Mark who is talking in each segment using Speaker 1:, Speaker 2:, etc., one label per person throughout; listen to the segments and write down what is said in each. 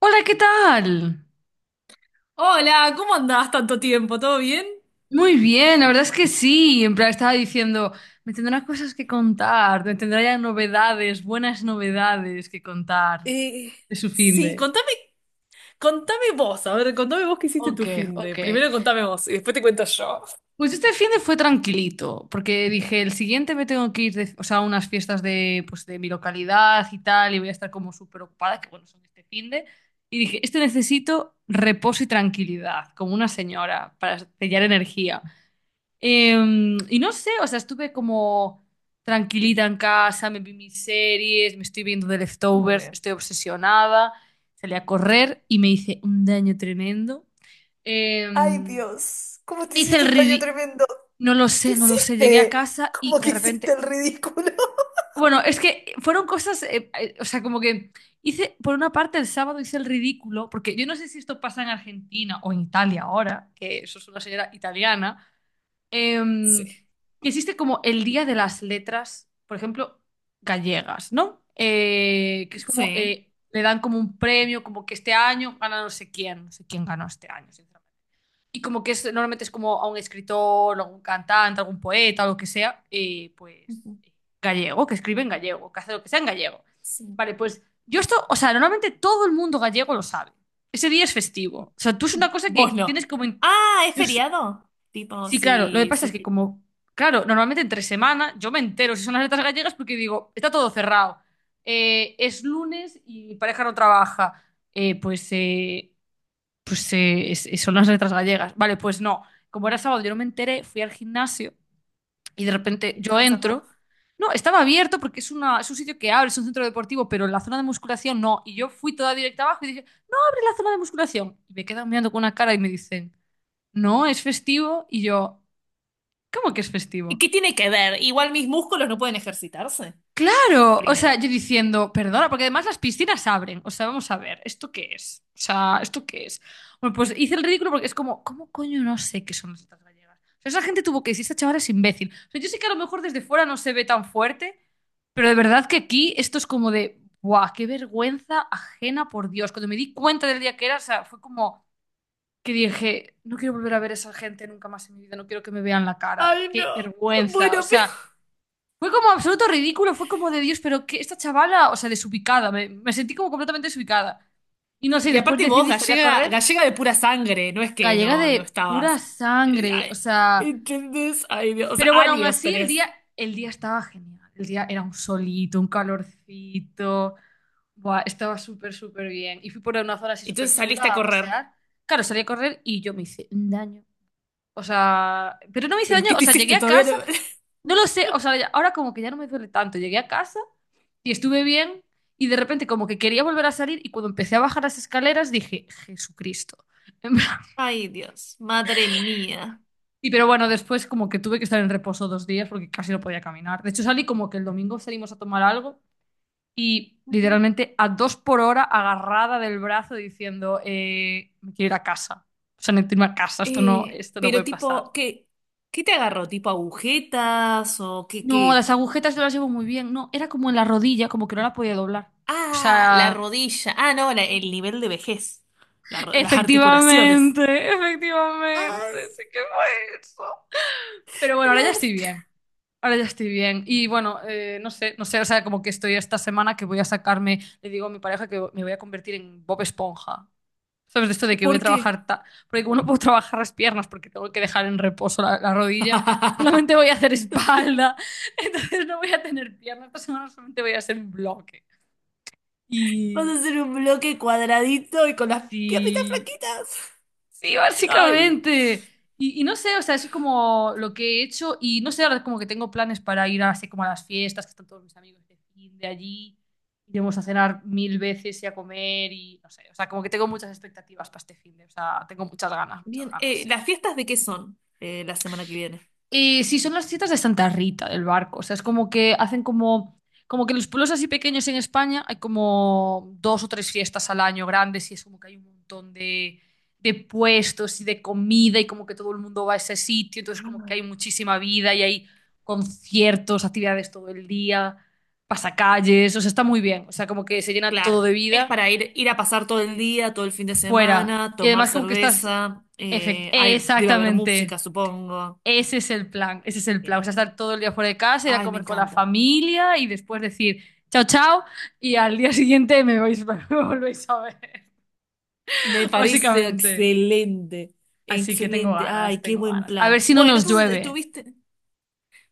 Speaker 1: Hola, ¿qué tal?
Speaker 2: Hola, ¿cómo andás tanto tiempo? ¿Todo bien?
Speaker 1: Muy bien, la verdad es que sí. En plan, estaba diciendo, me tendrán cosas que contar, me tendrá ya novedades, buenas novedades que contar
Speaker 2: Eh,
Speaker 1: de su
Speaker 2: sí.
Speaker 1: finde.
Speaker 2: Contame vos, a ver, contame vos qué hiciste tu
Speaker 1: Ok,
Speaker 2: finde.
Speaker 1: ok.
Speaker 2: Primero contame vos y después te cuento yo.
Speaker 1: Pues este finde fue tranquilito, porque dije, el siguiente me tengo que ir de- o sea, a unas fiestas de, pues, de mi localidad y tal, y voy a estar como súper ocupada, que bueno, son este finde. Y dije, este necesito reposo y tranquilidad, como una señora, para sellar energía. Y no sé, o sea, estuve como tranquilita en casa, me vi mis series, me estoy viendo The
Speaker 2: Muy
Speaker 1: Leftovers,
Speaker 2: bien.
Speaker 1: estoy obsesionada, salí a correr y me hice un daño tremendo.
Speaker 2: Ay,
Speaker 1: Em,
Speaker 2: Dios, cómo te
Speaker 1: Hice el
Speaker 2: hiciste un daño
Speaker 1: ridículo,
Speaker 2: tremendo.
Speaker 1: no lo
Speaker 2: ¿Qué
Speaker 1: sé, no lo sé, llegué a
Speaker 2: hiciste?
Speaker 1: casa
Speaker 2: ¿Cómo
Speaker 1: y de
Speaker 2: que hiciste
Speaker 1: repente,
Speaker 2: el ridículo?
Speaker 1: bueno, es que fueron cosas, o sea, como que hice, por una parte el sábado hice el ridículo, porque yo no sé si esto pasa en Argentina o en Italia ahora, que eso es una señora italiana.
Speaker 2: Sí.
Speaker 1: Em, que existe como el Día de las Letras, por ejemplo, gallegas, ¿no? Que es como,
Speaker 2: Sí.
Speaker 1: le dan como un premio, como que este año gana no sé quién, no sé quién ganó este año, sinceramente. Y como que es, normalmente es como a un escritor, a un cantante, algún poeta, lo que sea, pues
Speaker 2: Ujú.
Speaker 1: gallego, que escribe en gallego, que hace lo que sea en gallego.
Speaker 2: Sí.
Speaker 1: Vale, pues yo esto, o sea, normalmente todo el mundo gallego lo sabe. Ese día es festivo. O sea, tú es una cosa
Speaker 2: Vos
Speaker 1: que
Speaker 2: no.
Speaker 1: tienes como... in-
Speaker 2: Ah, ¿es
Speaker 1: yo,
Speaker 2: feriado? Tipo,
Speaker 1: sí, claro. Lo que
Speaker 2: si,
Speaker 1: pasa es
Speaker 2: si...
Speaker 1: que como, claro, normalmente entre semana yo me entero si son las letras gallegas porque digo, está todo cerrado. Es lunes y mi pareja no trabaja. Eh, pues eh, pues eh, es- son las letras gallegas. Vale, pues no. Como era sábado, yo no me enteré, fui al gimnasio y de repente yo
Speaker 2: Estaba cerrado.
Speaker 1: entro. No, estaba abierto porque es, una, es un sitio que abre, es un centro deportivo, pero la zona de musculación no. Y yo fui toda directa abajo y dije, abre la zona de musculación. Y me quedan mirando con una cara y me dicen, no, es festivo. Y yo, ¿cómo que es
Speaker 2: ¿Y
Speaker 1: festivo?
Speaker 2: qué tiene que ver? Igual mis músculos no pueden ejercitarse.
Speaker 1: Claro, o sea,
Speaker 2: Primero.
Speaker 1: yo diciendo, perdona, porque además las piscinas abren. O sea, vamos a ver, ¿esto qué es? O sea, ¿esto qué es? Bueno, pues hice el ridículo porque es como, ¿cómo coño no sé qué son las tetas gallegas? O sea, esa gente tuvo que decir, esta chavala es imbécil. O sea, yo sé que a lo mejor desde fuera no se ve tan fuerte, pero de verdad que aquí esto es como de, ¡buah, qué vergüenza ajena, por Dios! Cuando me di cuenta del día que era, o sea, fue como que dije, no quiero volver a ver a esa gente nunca más en mi vida, no quiero que me vean la cara,
Speaker 2: Ay,
Speaker 1: qué
Speaker 2: no.
Speaker 1: vergüenza. O
Speaker 2: Bueno, pero.
Speaker 1: sea... Fue como absoluto ridículo, fue como de Dios, pero que esta chavala, o sea, desubicada, me sentí como completamente desubicada. Y no sé,
Speaker 2: Y
Speaker 1: después
Speaker 2: aparte vos,
Speaker 1: decidí salir a
Speaker 2: gallega,
Speaker 1: correr,
Speaker 2: gallega de pura sangre, no es que
Speaker 1: gallega
Speaker 2: no, no
Speaker 1: de pura
Speaker 2: estabas.
Speaker 1: sangre, o
Speaker 2: Ay.
Speaker 1: sea,
Speaker 2: ¿Entendés? Ay, Dios. O sea,
Speaker 1: pero bueno, aún
Speaker 2: años
Speaker 1: así
Speaker 2: tenés.
Speaker 1: el día estaba genial, el día era un solito, un calorcito, buah, estaba súper, súper bien. Y fui por una zona así súper
Speaker 2: Entonces saliste a
Speaker 1: chula a
Speaker 2: correr.
Speaker 1: pasear. Claro, salí a correr y yo me hice un daño. O sea, pero no me hice
Speaker 2: ¿Pero
Speaker 1: daño,
Speaker 2: qué
Speaker 1: o
Speaker 2: te
Speaker 1: sea, llegué
Speaker 2: hiciste?
Speaker 1: a
Speaker 2: Todavía no.
Speaker 1: casa, no lo sé, o sea, ya- ahora como que ya no me duele tanto, llegué a casa. Y estuve bien y de repente como que quería volver a salir y cuando empecé a bajar las escaleras dije, Jesucristo.
Speaker 2: Ay, Dios, madre mía.
Speaker 1: Y pero bueno, después como que tuve que estar en reposo dos días porque casi no podía caminar. De hecho salí como que el domingo salimos a tomar algo y
Speaker 2: Ujú.
Speaker 1: literalmente a dos por hora agarrada del brazo diciendo, me quiero ir a casa. O sea, necesito irme a casa, esto no
Speaker 2: Pero
Speaker 1: puede pasar.
Speaker 2: tipo, ¿qué te agarró? ¿Tipo agujetas o qué,
Speaker 1: No, las
Speaker 2: qué?
Speaker 1: agujetas no las llevo muy bien. No, era como en la rodilla, como que no la podía doblar. O
Speaker 2: Ah, la
Speaker 1: sea,
Speaker 2: rodilla. Ah, no, el nivel de vejez. Las articulaciones.
Speaker 1: efectivamente,
Speaker 2: Ay.
Speaker 1: efectivamente, sí que fue eso. Pero bueno, ahora ya estoy
Speaker 2: la-
Speaker 1: bien. Ahora ya estoy bien. Y bueno, no sé, no sé, o sea, como que estoy esta semana que voy a sacarme, le digo a mi pareja que me voy a convertir en Bob Esponja. ¿Sabes? De esto de que voy a
Speaker 2: ¿Por qué?
Speaker 1: trabajar, ta- porque como no puedo trabajar las piernas porque tengo que dejar en reposo la rodilla, solamente voy a hacer
Speaker 2: Entonces.
Speaker 1: espalda. Entonces no voy a tener piernas. Esta semana solamente voy a hacer un bloque.
Speaker 2: Vas a
Speaker 1: Y
Speaker 2: hacer un bloque cuadradito y con las piernitas
Speaker 1: sí,
Speaker 2: flaquitas.
Speaker 1: sí,
Speaker 2: Ay.
Speaker 1: básicamente. Y no sé, o sea, es como lo que he hecho y no sé, ahora como que tengo planes para ir así como a las fiestas, que están todos mis amigos de fin de allí, iremos a cenar mil veces y a comer y no sé, o sea, como que tengo muchas expectativas para este fin de, o sea, tengo muchas ganas, muchas
Speaker 2: Bien,
Speaker 1: ganas.
Speaker 2: ¿las fiestas de qué son la semana que viene?
Speaker 1: Sí, son las fiestas de Santa Rita del barco. O sea, es como que hacen como, como que los pueblos así pequeños en España hay como dos o tres fiestas al año grandes y es como que hay un montón de puestos y de comida y como que todo el mundo va a ese sitio. Entonces, como
Speaker 2: Ah.
Speaker 1: que hay muchísima vida y hay conciertos, actividades todo el día, pasacalles. O sea, está muy bien. O sea, como que se llena todo
Speaker 2: Claro,
Speaker 1: de
Speaker 2: es
Speaker 1: vida
Speaker 2: para ir a pasar todo el día, todo el fin de
Speaker 1: fuera.
Speaker 2: semana,
Speaker 1: Y
Speaker 2: tomar
Speaker 1: además, como que estás.
Speaker 2: cerveza.
Speaker 1: Efect-
Speaker 2: Ay, debe haber música,
Speaker 1: exactamente.
Speaker 2: supongo.
Speaker 1: Ese es el plan, ese es el plan. O
Speaker 2: Bien.
Speaker 1: sea, estar todo el día fuera de casa, ir a
Speaker 2: Ay, me
Speaker 1: comer con la
Speaker 2: encanta.
Speaker 1: familia y después decir chao, chao y al día siguiente me vais, me volvéis a ver,
Speaker 2: Me parece
Speaker 1: básicamente.
Speaker 2: excelente.
Speaker 1: Así que tengo
Speaker 2: Excelente.
Speaker 1: ganas,
Speaker 2: Ay, qué
Speaker 1: tengo
Speaker 2: buen
Speaker 1: ganas. A ver
Speaker 2: plan.
Speaker 1: si no
Speaker 2: Bueno,
Speaker 1: nos
Speaker 2: entonces
Speaker 1: llueve.
Speaker 2: estuviste.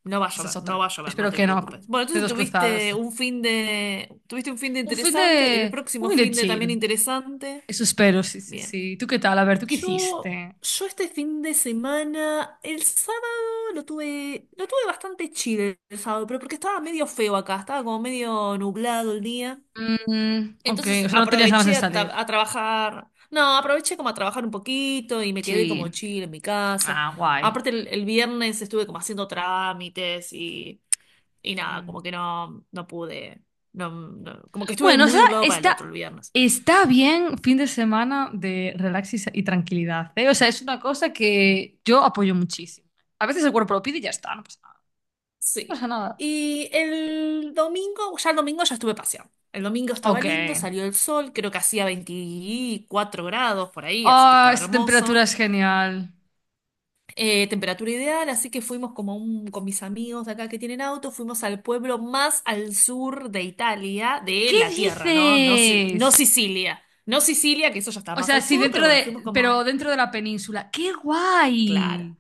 Speaker 2: No va a
Speaker 1: Esa es
Speaker 2: llover, no
Speaker 1: otra.
Speaker 2: va a llover, no
Speaker 1: Espero
Speaker 2: te
Speaker 1: que no.
Speaker 2: preocupes. Bueno, entonces
Speaker 1: Dedos cruzados.
Speaker 2: tuviste un fin de interesante, el
Speaker 1: Un
Speaker 2: próximo
Speaker 1: fin de
Speaker 2: fin de
Speaker 1: chill.
Speaker 2: también interesante.
Speaker 1: Eso espero, sí, sí,
Speaker 2: Bien.
Speaker 1: sí. ¿Tú qué tal? A ver, ¿tú qué
Speaker 2: Yo,
Speaker 1: hiciste?
Speaker 2: yo este fin de semana, el sábado lo tuve bastante chill el sábado, pero porque estaba medio feo acá, estaba como medio nublado el día.
Speaker 1: Mm, ok,
Speaker 2: Entonces
Speaker 1: o sea, no tenías ganas de
Speaker 2: aproveché
Speaker 1: salir.
Speaker 2: a trabajar, no, aproveché como a trabajar un poquito y me quedé como
Speaker 1: Sí.
Speaker 2: chill en mi casa.
Speaker 1: Ah, guay.
Speaker 2: Aparte el viernes estuve como haciendo trámites y nada,
Speaker 1: Mm.
Speaker 2: como que no, no pude, como que estuve
Speaker 1: Bueno, o
Speaker 2: muy
Speaker 1: sea,
Speaker 2: de un lado para el
Speaker 1: está,
Speaker 2: otro el viernes.
Speaker 1: está bien fin de semana de relax y, sa- y tranquilidad, ¿eh? O sea, es una cosa que yo apoyo muchísimo. A veces el cuerpo lo pide y ya está, no pasa nada. No
Speaker 2: Sí.
Speaker 1: pasa nada.
Speaker 2: Y el domingo ya estuve paseando. El domingo estaba
Speaker 1: Ok.
Speaker 2: lindo, salió el sol, creo que hacía 24 grados por ahí, así que
Speaker 1: Ah,
Speaker 2: estaba
Speaker 1: esta temperatura
Speaker 2: hermoso.
Speaker 1: es genial.
Speaker 2: Temperatura ideal, así que fuimos con mis amigos de acá que tienen auto, fuimos al pueblo más al sur de Italia, de
Speaker 1: ¿Qué
Speaker 2: la tierra, ¿no? No, no
Speaker 1: dices?
Speaker 2: Sicilia. No Sicilia, que eso ya está
Speaker 1: O
Speaker 2: más
Speaker 1: sea,
Speaker 2: al
Speaker 1: sí,
Speaker 2: sur, pero
Speaker 1: dentro
Speaker 2: bueno, fuimos
Speaker 1: de, pero
Speaker 2: como.
Speaker 1: dentro de la península. ¡Qué
Speaker 2: Claro.
Speaker 1: guay!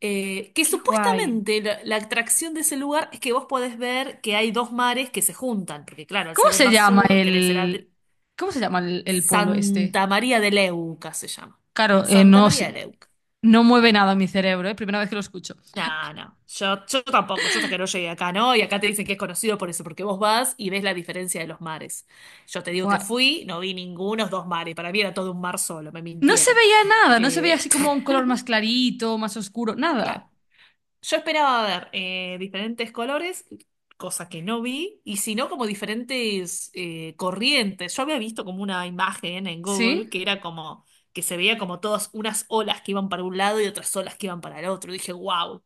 Speaker 2: Que
Speaker 1: ¡Qué guay!
Speaker 2: supuestamente la atracción de ese lugar es que vos podés ver que hay dos mares que se juntan, porque claro, al
Speaker 1: ¿Cómo
Speaker 2: ser el
Speaker 1: se
Speaker 2: más
Speaker 1: llama
Speaker 2: sur tenés
Speaker 1: el, cómo se llama el pueblo este?
Speaker 2: Santa María de Leuca se llama.
Speaker 1: Claro,
Speaker 2: Santa
Speaker 1: no,
Speaker 2: María de
Speaker 1: sé-
Speaker 2: Leuca.
Speaker 1: no mueve nada mi cerebro, ¿eh? Primera vez que lo escucho.
Speaker 2: No, no, yo tampoco, yo hasta que no llegué acá, ¿no? Y acá te dicen que es conocido por eso, porque vos vas y ves la diferencia de los mares. Yo te digo que
Speaker 1: Buah.
Speaker 2: fui, no vi ningunos dos mares, para mí era todo un mar solo, me
Speaker 1: No se
Speaker 2: mintieron.
Speaker 1: veía nada, no se veía
Speaker 2: Eh,
Speaker 1: así como un color más clarito, más oscuro, nada.
Speaker 2: claro. Yo esperaba ver diferentes colores, cosa que no vi, y si no, como diferentes corrientes. Yo había visto como una imagen en
Speaker 1: ¿Sí?
Speaker 2: Google que era como que se veía como todas unas olas que iban para un lado y otras olas que iban para el otro. Y dije, wow,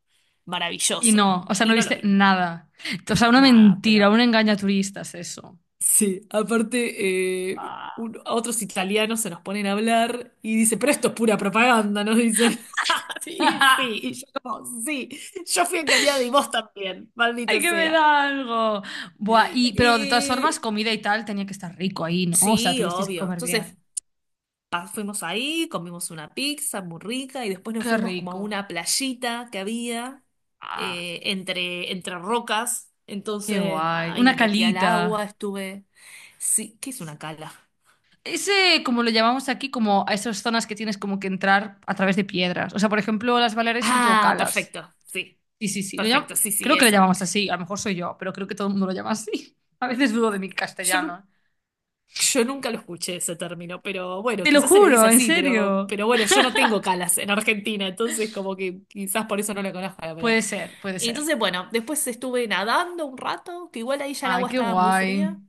Speaker 1: Y
Speaker 2: maravilloso.
Speaker 1: no, o sea, no
Speaker 2: Y no lo
Speaker 1: viste
Speaker 2: vi,
Speaker 1: nada. O sea, una
Speaker 2: nada,
Speaker 1: mentira,
Speaker 2: pero
Speaker 1: un engaño a turistas, eso.
Speaker 2: Sí, aparte,
Speaker 1: Buah.
Speaker 2: a otros italianos se nos ponen a hablar y dice, pero esto es pura propaganda, nos dicen. Sí, sí, y yo como, sí, yo fui engañada y vos también,
Speaker 1: ¡Ay,
Speaker 2: maldito
Speaker 1: que me
Speaker 2: sea.
Speaker 1: da algo! Buah, y, pero de todas
Speaker 2: Y
Speaker 1: formas, comida y tal tenía que estar rico ahí, ¿no? O sea,
Speaker 2: sí,
Speaker 1: tuvisteis que
Speaker 2: obvio.
Speaker 1: comer bien.
Speaker 2: Entonces fuimos ahí, comimos una pizza muy rica y después nos
Speaker 1: ¡Qué
Speaker 2: fuimos como a
Speaker 1: rico!
Speaker 2: una playita que había
Speaker 1: ¡Ah,
Speaker 2: entre rocas.
Speaker 1: qué
Speaker 2: Entonces, nada,
Speaker 1: guay!
Speaker 2: ahí
Speaker 1: Una
Speaker 2: me metí al agua,
Speaker 1: calita.
Speaker 2: estuve. Sí, ¿qué es una cala?
Speaker 1: Ese, como lo llamamos aquí, como a esas zonas que tienes como que entrar a través de piedras. O sea, por ejemplo, las Baleares son todo
Speaker 2: Ah,
Speaker 1: calas. Sí, sí, sí. Lo llam-
Speaker 2: perfecto, sí, sí,
Speaker 1: creo que le
Speaker 2: eso.
Speaker 1: llamamos así. A lo mejor soy yo, pero creo que todo el mundo lo llama así. A veces dudo de mi
Speaker 2: Yo,
Speaker 1: castellano.
Speaker 2: nu-
Speaker 1: ¿Eh?
Speaker 2: yo nunca lo escuché ese término, pero bueno,
Speaker 1: Te lo
Speaker 2: quizás se le dice
Speaker 1: juro, en
Speaker 2: así, pero,
Speaker 1: serio.
Speaker 2: pero bueno, yo no tengo calas en Argentina, entonces como que quizás por eso no la conozco la palabra.
Speaker 1: Puede ser, puede
Speaker 2: Y
Speaker 1: ser.
Speaker 2: entonces, bueno, después estuve nadando un rato, que igual ahí ya el
Speaker 1: Ay,
Speaker 2: agua
Speaker 1: qué
Speaker 2: estaba muy
Speaker 1: guay.
Speaker 2: fría.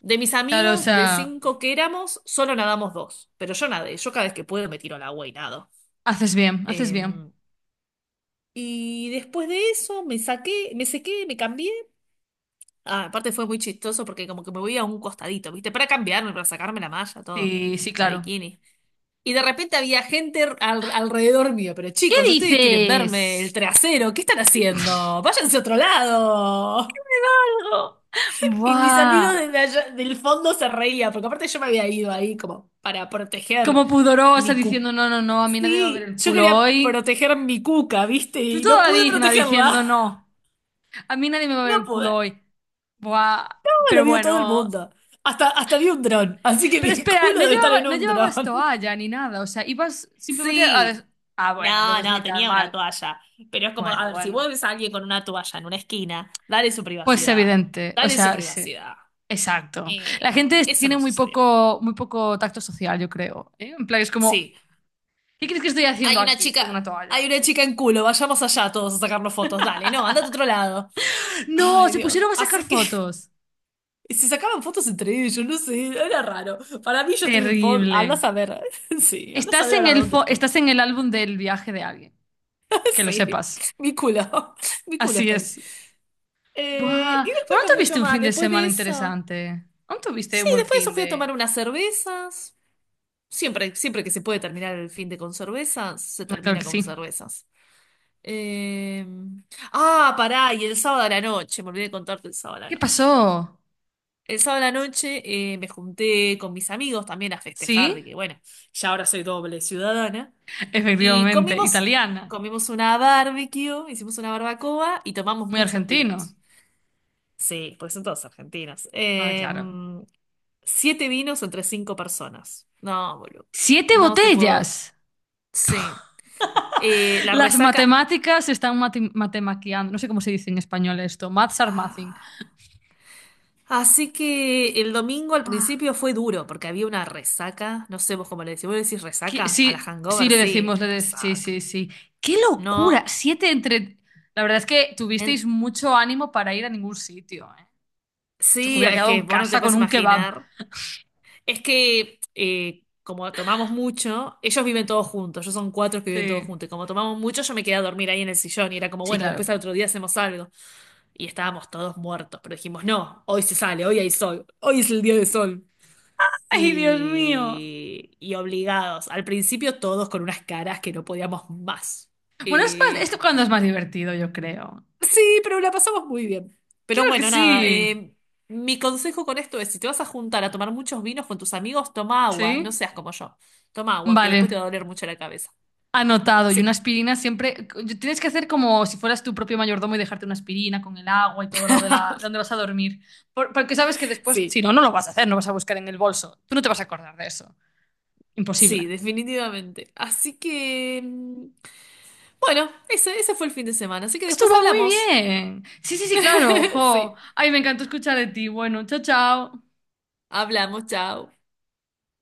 Speaker 2: De mis
Speaker 1: Claro, o
Speaker 2: amigos, de
Speaker 1: sea,
Speaker 2: cinco que éramos, solo nadamos dos, pero yo nadé, yo cada vez que puedo me tiro al agua y nado.
Speaker 1: haces bien, haces bien.
Speaker 2: Em, y después de eso me saqué, me sequé, me cambié. Ah, aparte fue muy chistoso porque como que me voy a un costadito, ¿viste? Para cambiarme, para sacarme la malla, todo,
Speaker 1: Sí, sí,
Speaker 2: la
Speaker 1: claro.
Speaker 2: bikini. Y de repente había gente alrededor mío, pero
Speaker 1: ¿Qué
Speaker 2: chicos, ustedes quieren verme el
Speaker 1: dices?
Speaker 2: trasero, ¿qué están haciendo? Váyanse a otro lado.
Speaker 1: Algo.
Speaker 2: Y mis amigos
Speaker 1: Buah.
Speaker 2: desde allá, del fondo se reían, porque aparte yo me había ido ahí como para proteger
Speaker 1: Como pudorosa
Speaker 2: mi cuca.
Speaker 1: diciendo, no, no, no, a mí nadie me va a ver
Speaker 2: Sí,
Speaker 1: el
Speaker 2: yo
Speaker 1: culo
Speaker 2: quería
Speaker 1: hoy.
Speaker 2: proteger mi cuca, ¿viste?
Speaker 1: Tú
Speaker 2: Y no
Speaker 1: toda
Speaker 2: pude
Speaker 1: digna diciendo,
Speaker 2: protegerla.
Speaker 1: no, a mí nadie me va a ver
Speaker 2: No
Speaker 1: el culo
Speaker 2: pude.
Speaker 1: hoy. Buah.
Speaker 2: Lo
Speaker 1: Pero
Speaker 2: vio todo el
Speaker 1: bueno.
Speaker 2: mundo. Hasta vi un dron. Así que
Speaker 1: Pero
Speaker 2: mi
Speaker 1: espera,
Speaker 2: culo
Speaker 1: no
Speaker 2: debe estar
Speaker 1: llevaba,
Speaker 2: en
Speaker 1: no
Speaker 2: un
Speaker 1: llevabas
Speaker 2: dron.
Speaker 1: toalla ni nada, o sea, ibas simplemente a... des-
Speaker 2: Sí.
Speaker 1: Ah, bueno,
Speaker 2: No,
Speaker 1: entonces ni
Speaker 2: no,
Speaker 1: tan
Speaker 2: tenía una
Speaker 1: mal.
Speaker 2: toalla. Pero es como, a
Speaker 1: Bueno,
Speaker 2: ver, si
Speaker 1: bueno.
Speaker 2: vos ves a alguien con una toalla en una esquina, dale su
Speaker 1: Pues
Speaker 2: privacidad.
Speaker 1: evidente, o
Speaker 2: Dale su
Speaker 1: sea, sí.
Speaker 2: privacidad.
Speaker 1: Exacto. La
Speaker 2: Eh,
Speaker 1: gente es-
Speaker 2: Eso
Speaker 1: tiene
Speaker 2: no sucedió.
Speaker 1: muy poco tacto social, yo creo. ¿Eh? En plan, es como,
Speaker 2: Sí,
Speaker 1: ¿qué crees que estoy haciendo aquí con una
Speaker 2: hay
Speaker 1: toalla?
Speaker 2: una chica en culo, vayamos allá todos a sacarnos fotos. Dale, no, andate a otro lado.
Speaker 1: No,
Speaker 2: Ay,
Speaker 1: se
Speaker 2: Dios.
Speaker 1: pusieron a sacar
Speaker 2: Así que
Speaker 1: fotos.
Speaker 2: se sacaban fotos entre ellos, no sé, era raro. Para mí yo estoy en foto. Anda a
Speaker 1: Terrible.
Speaker 2: saber. Sí, anda a
Speaker 1: Estás
Speaker 2: saber
Speaker 1: en
Speaker 2: ahora
Speaker 1: el,
Speaker 2: dónde
Speaker 1: fo-
Speaker 2: estoy.
Speaker 1: estás en el álbum del viaje de alguien, que lo
Speaker 2: Sí,
Speaker 1: sepas.
Speaker 2: mi culo, mi culo
Speaker 1: Así
Speaker 2: está ahí.
Speaker 1: es. Buah,
Speaker 2: Y después
Speaker 1: ¿bueno,
Speaker 2: no
Speaker 1: no
Speaker 2: mucho
Speaker 1: tuviste un
Speaker 2: más,
Speaker 1: fin de
Speaker 2: después
Speaker 1: semana
Speaker 2: de eso.
Speaker 1: interesante? ¿No tuviste
Speaker 2: Sí,
Speaker 1: un buen
Speaker 2: después de eso
Speaker 1: fin
Speaker 2: fui a tomar
Speaker 1: de...?
Speaker 2: unas cervezas. Siempre, siempre que se puede terminar el fin de con cervezas, se
Speaker 1: Bueno, claro
Speaker 2: termina
Speaker 1: que
Speaker 2: con
Speaker 1: sí.
Speaker 2: cervezas. Eh, Ah, pará, y el sábado a la noche, me olvidé de contarte el sábado a
Speaker 1: ¿Qué
Speaker 2: la noche.
Speaker 1: pasó?
Speaker 2: El sábado a la noche me junté con mis amigos también a festejar de
Speaker 1: ¿Sí?
Speaker 2: que, bueno, ya ahora soy doble ciudadana. Y
Speaker 1: Efectivamente,
Speaker 2: comimos,
Speaker 1: italiana.
Speaker 2: comimos una barbecue, hicimos una barbacoa y tomamos
Speaker 1: Muy
Speaker 2: muchos
Speaker 1: argentino.
Speaker 2: vinos. Sí, porque son todos argentinos.
Speaker 1: Ah, claro.
Speaker 2: Siete vinos entre cinco personas. No, boludo.
Speaker 1: ¡Siete
Speaker 2: No te
Speaker 1: botellas!
Speaker 2: puedo. Sí. La
Speaker 1: Las
Speaker 2: resaca.
Speaker 1: matemáticas están mati- matemaqueando. No sé cómo se dice en español esto. Maths are mathing.
Speaker 2: Ah. Así que el domingo al
Speaker 1: Ah.
Speaker 2: principio fue duro porque había una resaca. No sé vos cómo le decís. ¿Vos le decís
Speaker 1: ¿Qué-
Speaker 2: resaca? A la
Speaker 1: sí, sí,
Speaker 2: hangover,
Speaker 1: le decimos,
Speaker 2: sí.
Speaker 1: le dec- sí,
Speaker 2: Resaca.
Speaker 1: sí, sí. ¡Qué locura!
Speaker 2: No.
Speaker 1: Siete entre... La verdad es que
Speaker 2: en-
Speaker 1: tuvisteis mucho ánimo para ir a ningún sitio, ¿eh? Yo me
Speaker 2: Sí,
Speaker 1: hubiera
Speaker 2: es
Speaker 1: quedado
Speaker 2: que
Speaker 1: en
Speaker 2: vos no te
Speaker 1: casa
Speaker 2: puedes
Speaker 1: con un kebab.
Speaker 2: imaginar. Es que como tomamos mucho, ellos viven todos juntos, ellos son cuatro que viven todos
Speaker 1: Sí.
Speaker 2: juntos, y como tomamos mucho, yo me quedé a dormir ahí en el sillón y era como,
Speaker 1: Sí,
Speaker 2: bueno,
Speaker 1: claro.
Speaker 2: después al otro día hacemos algo. Y estábamos todos muertos, pero dijimos, no, hoy se sale, hoy hay sol, hoy es el día de sol.
Speaker 1: Ay, Dios mío.
Speaker 2: Y obligados, al principio todos con unas caras que no podíamos más.
Speaker 1: Bueno, es más,
Speaker 2: Eh,
Speaker 1: esto cuando es más divertido, yo creo.
Speaker 2: Sí, pero la pasamos muy bien. Pero
Speaker 1: Claro que
Speaker 2: bueno, nada,
Speaker 1: sí.
Speaker 2: mi consejo con esto es, si te vas a juntar a tomar muchos vinos con tus amigos, toma agua, no
Speaker 1: Sí.
Speaker 2: seas como yo. Toma agua, que
Speaker 1: Vale.
Speaker 2: después te va a doler mucho la cabeza.
Speaker 1: Anotado. Y una
Speaker 2: Sí,
Speaker 1: aspirina siempre. Tienes que hacer como si fueras tu propio mayordomo y dejarte una aspirina con el agua y todo lo de, la, de donde vas a dormir. Por- porque sabes que después, si
Speaker 2: sí,
Speaker 1: no, no lo vas a hacer, no vas a buscar en el bolso. Tú no te vas a acordar de eso.
Speaker 2: sí,
Speaker 1: Imposible.
Speaker 2: definitivamente. Así que, bueno, ese fue el fin de semana. Así que después
Speaker 1: Estuvo muy
Speaker 2: hablamos.
Speaker 1: bien. Sí, sí, sí, claro. Jo.
Speaker 2: Sí,
Speaker 1: Ay, me encantó escuchar de ti. Bueno, chao, chao.
Speaker 2: hablamos, chao.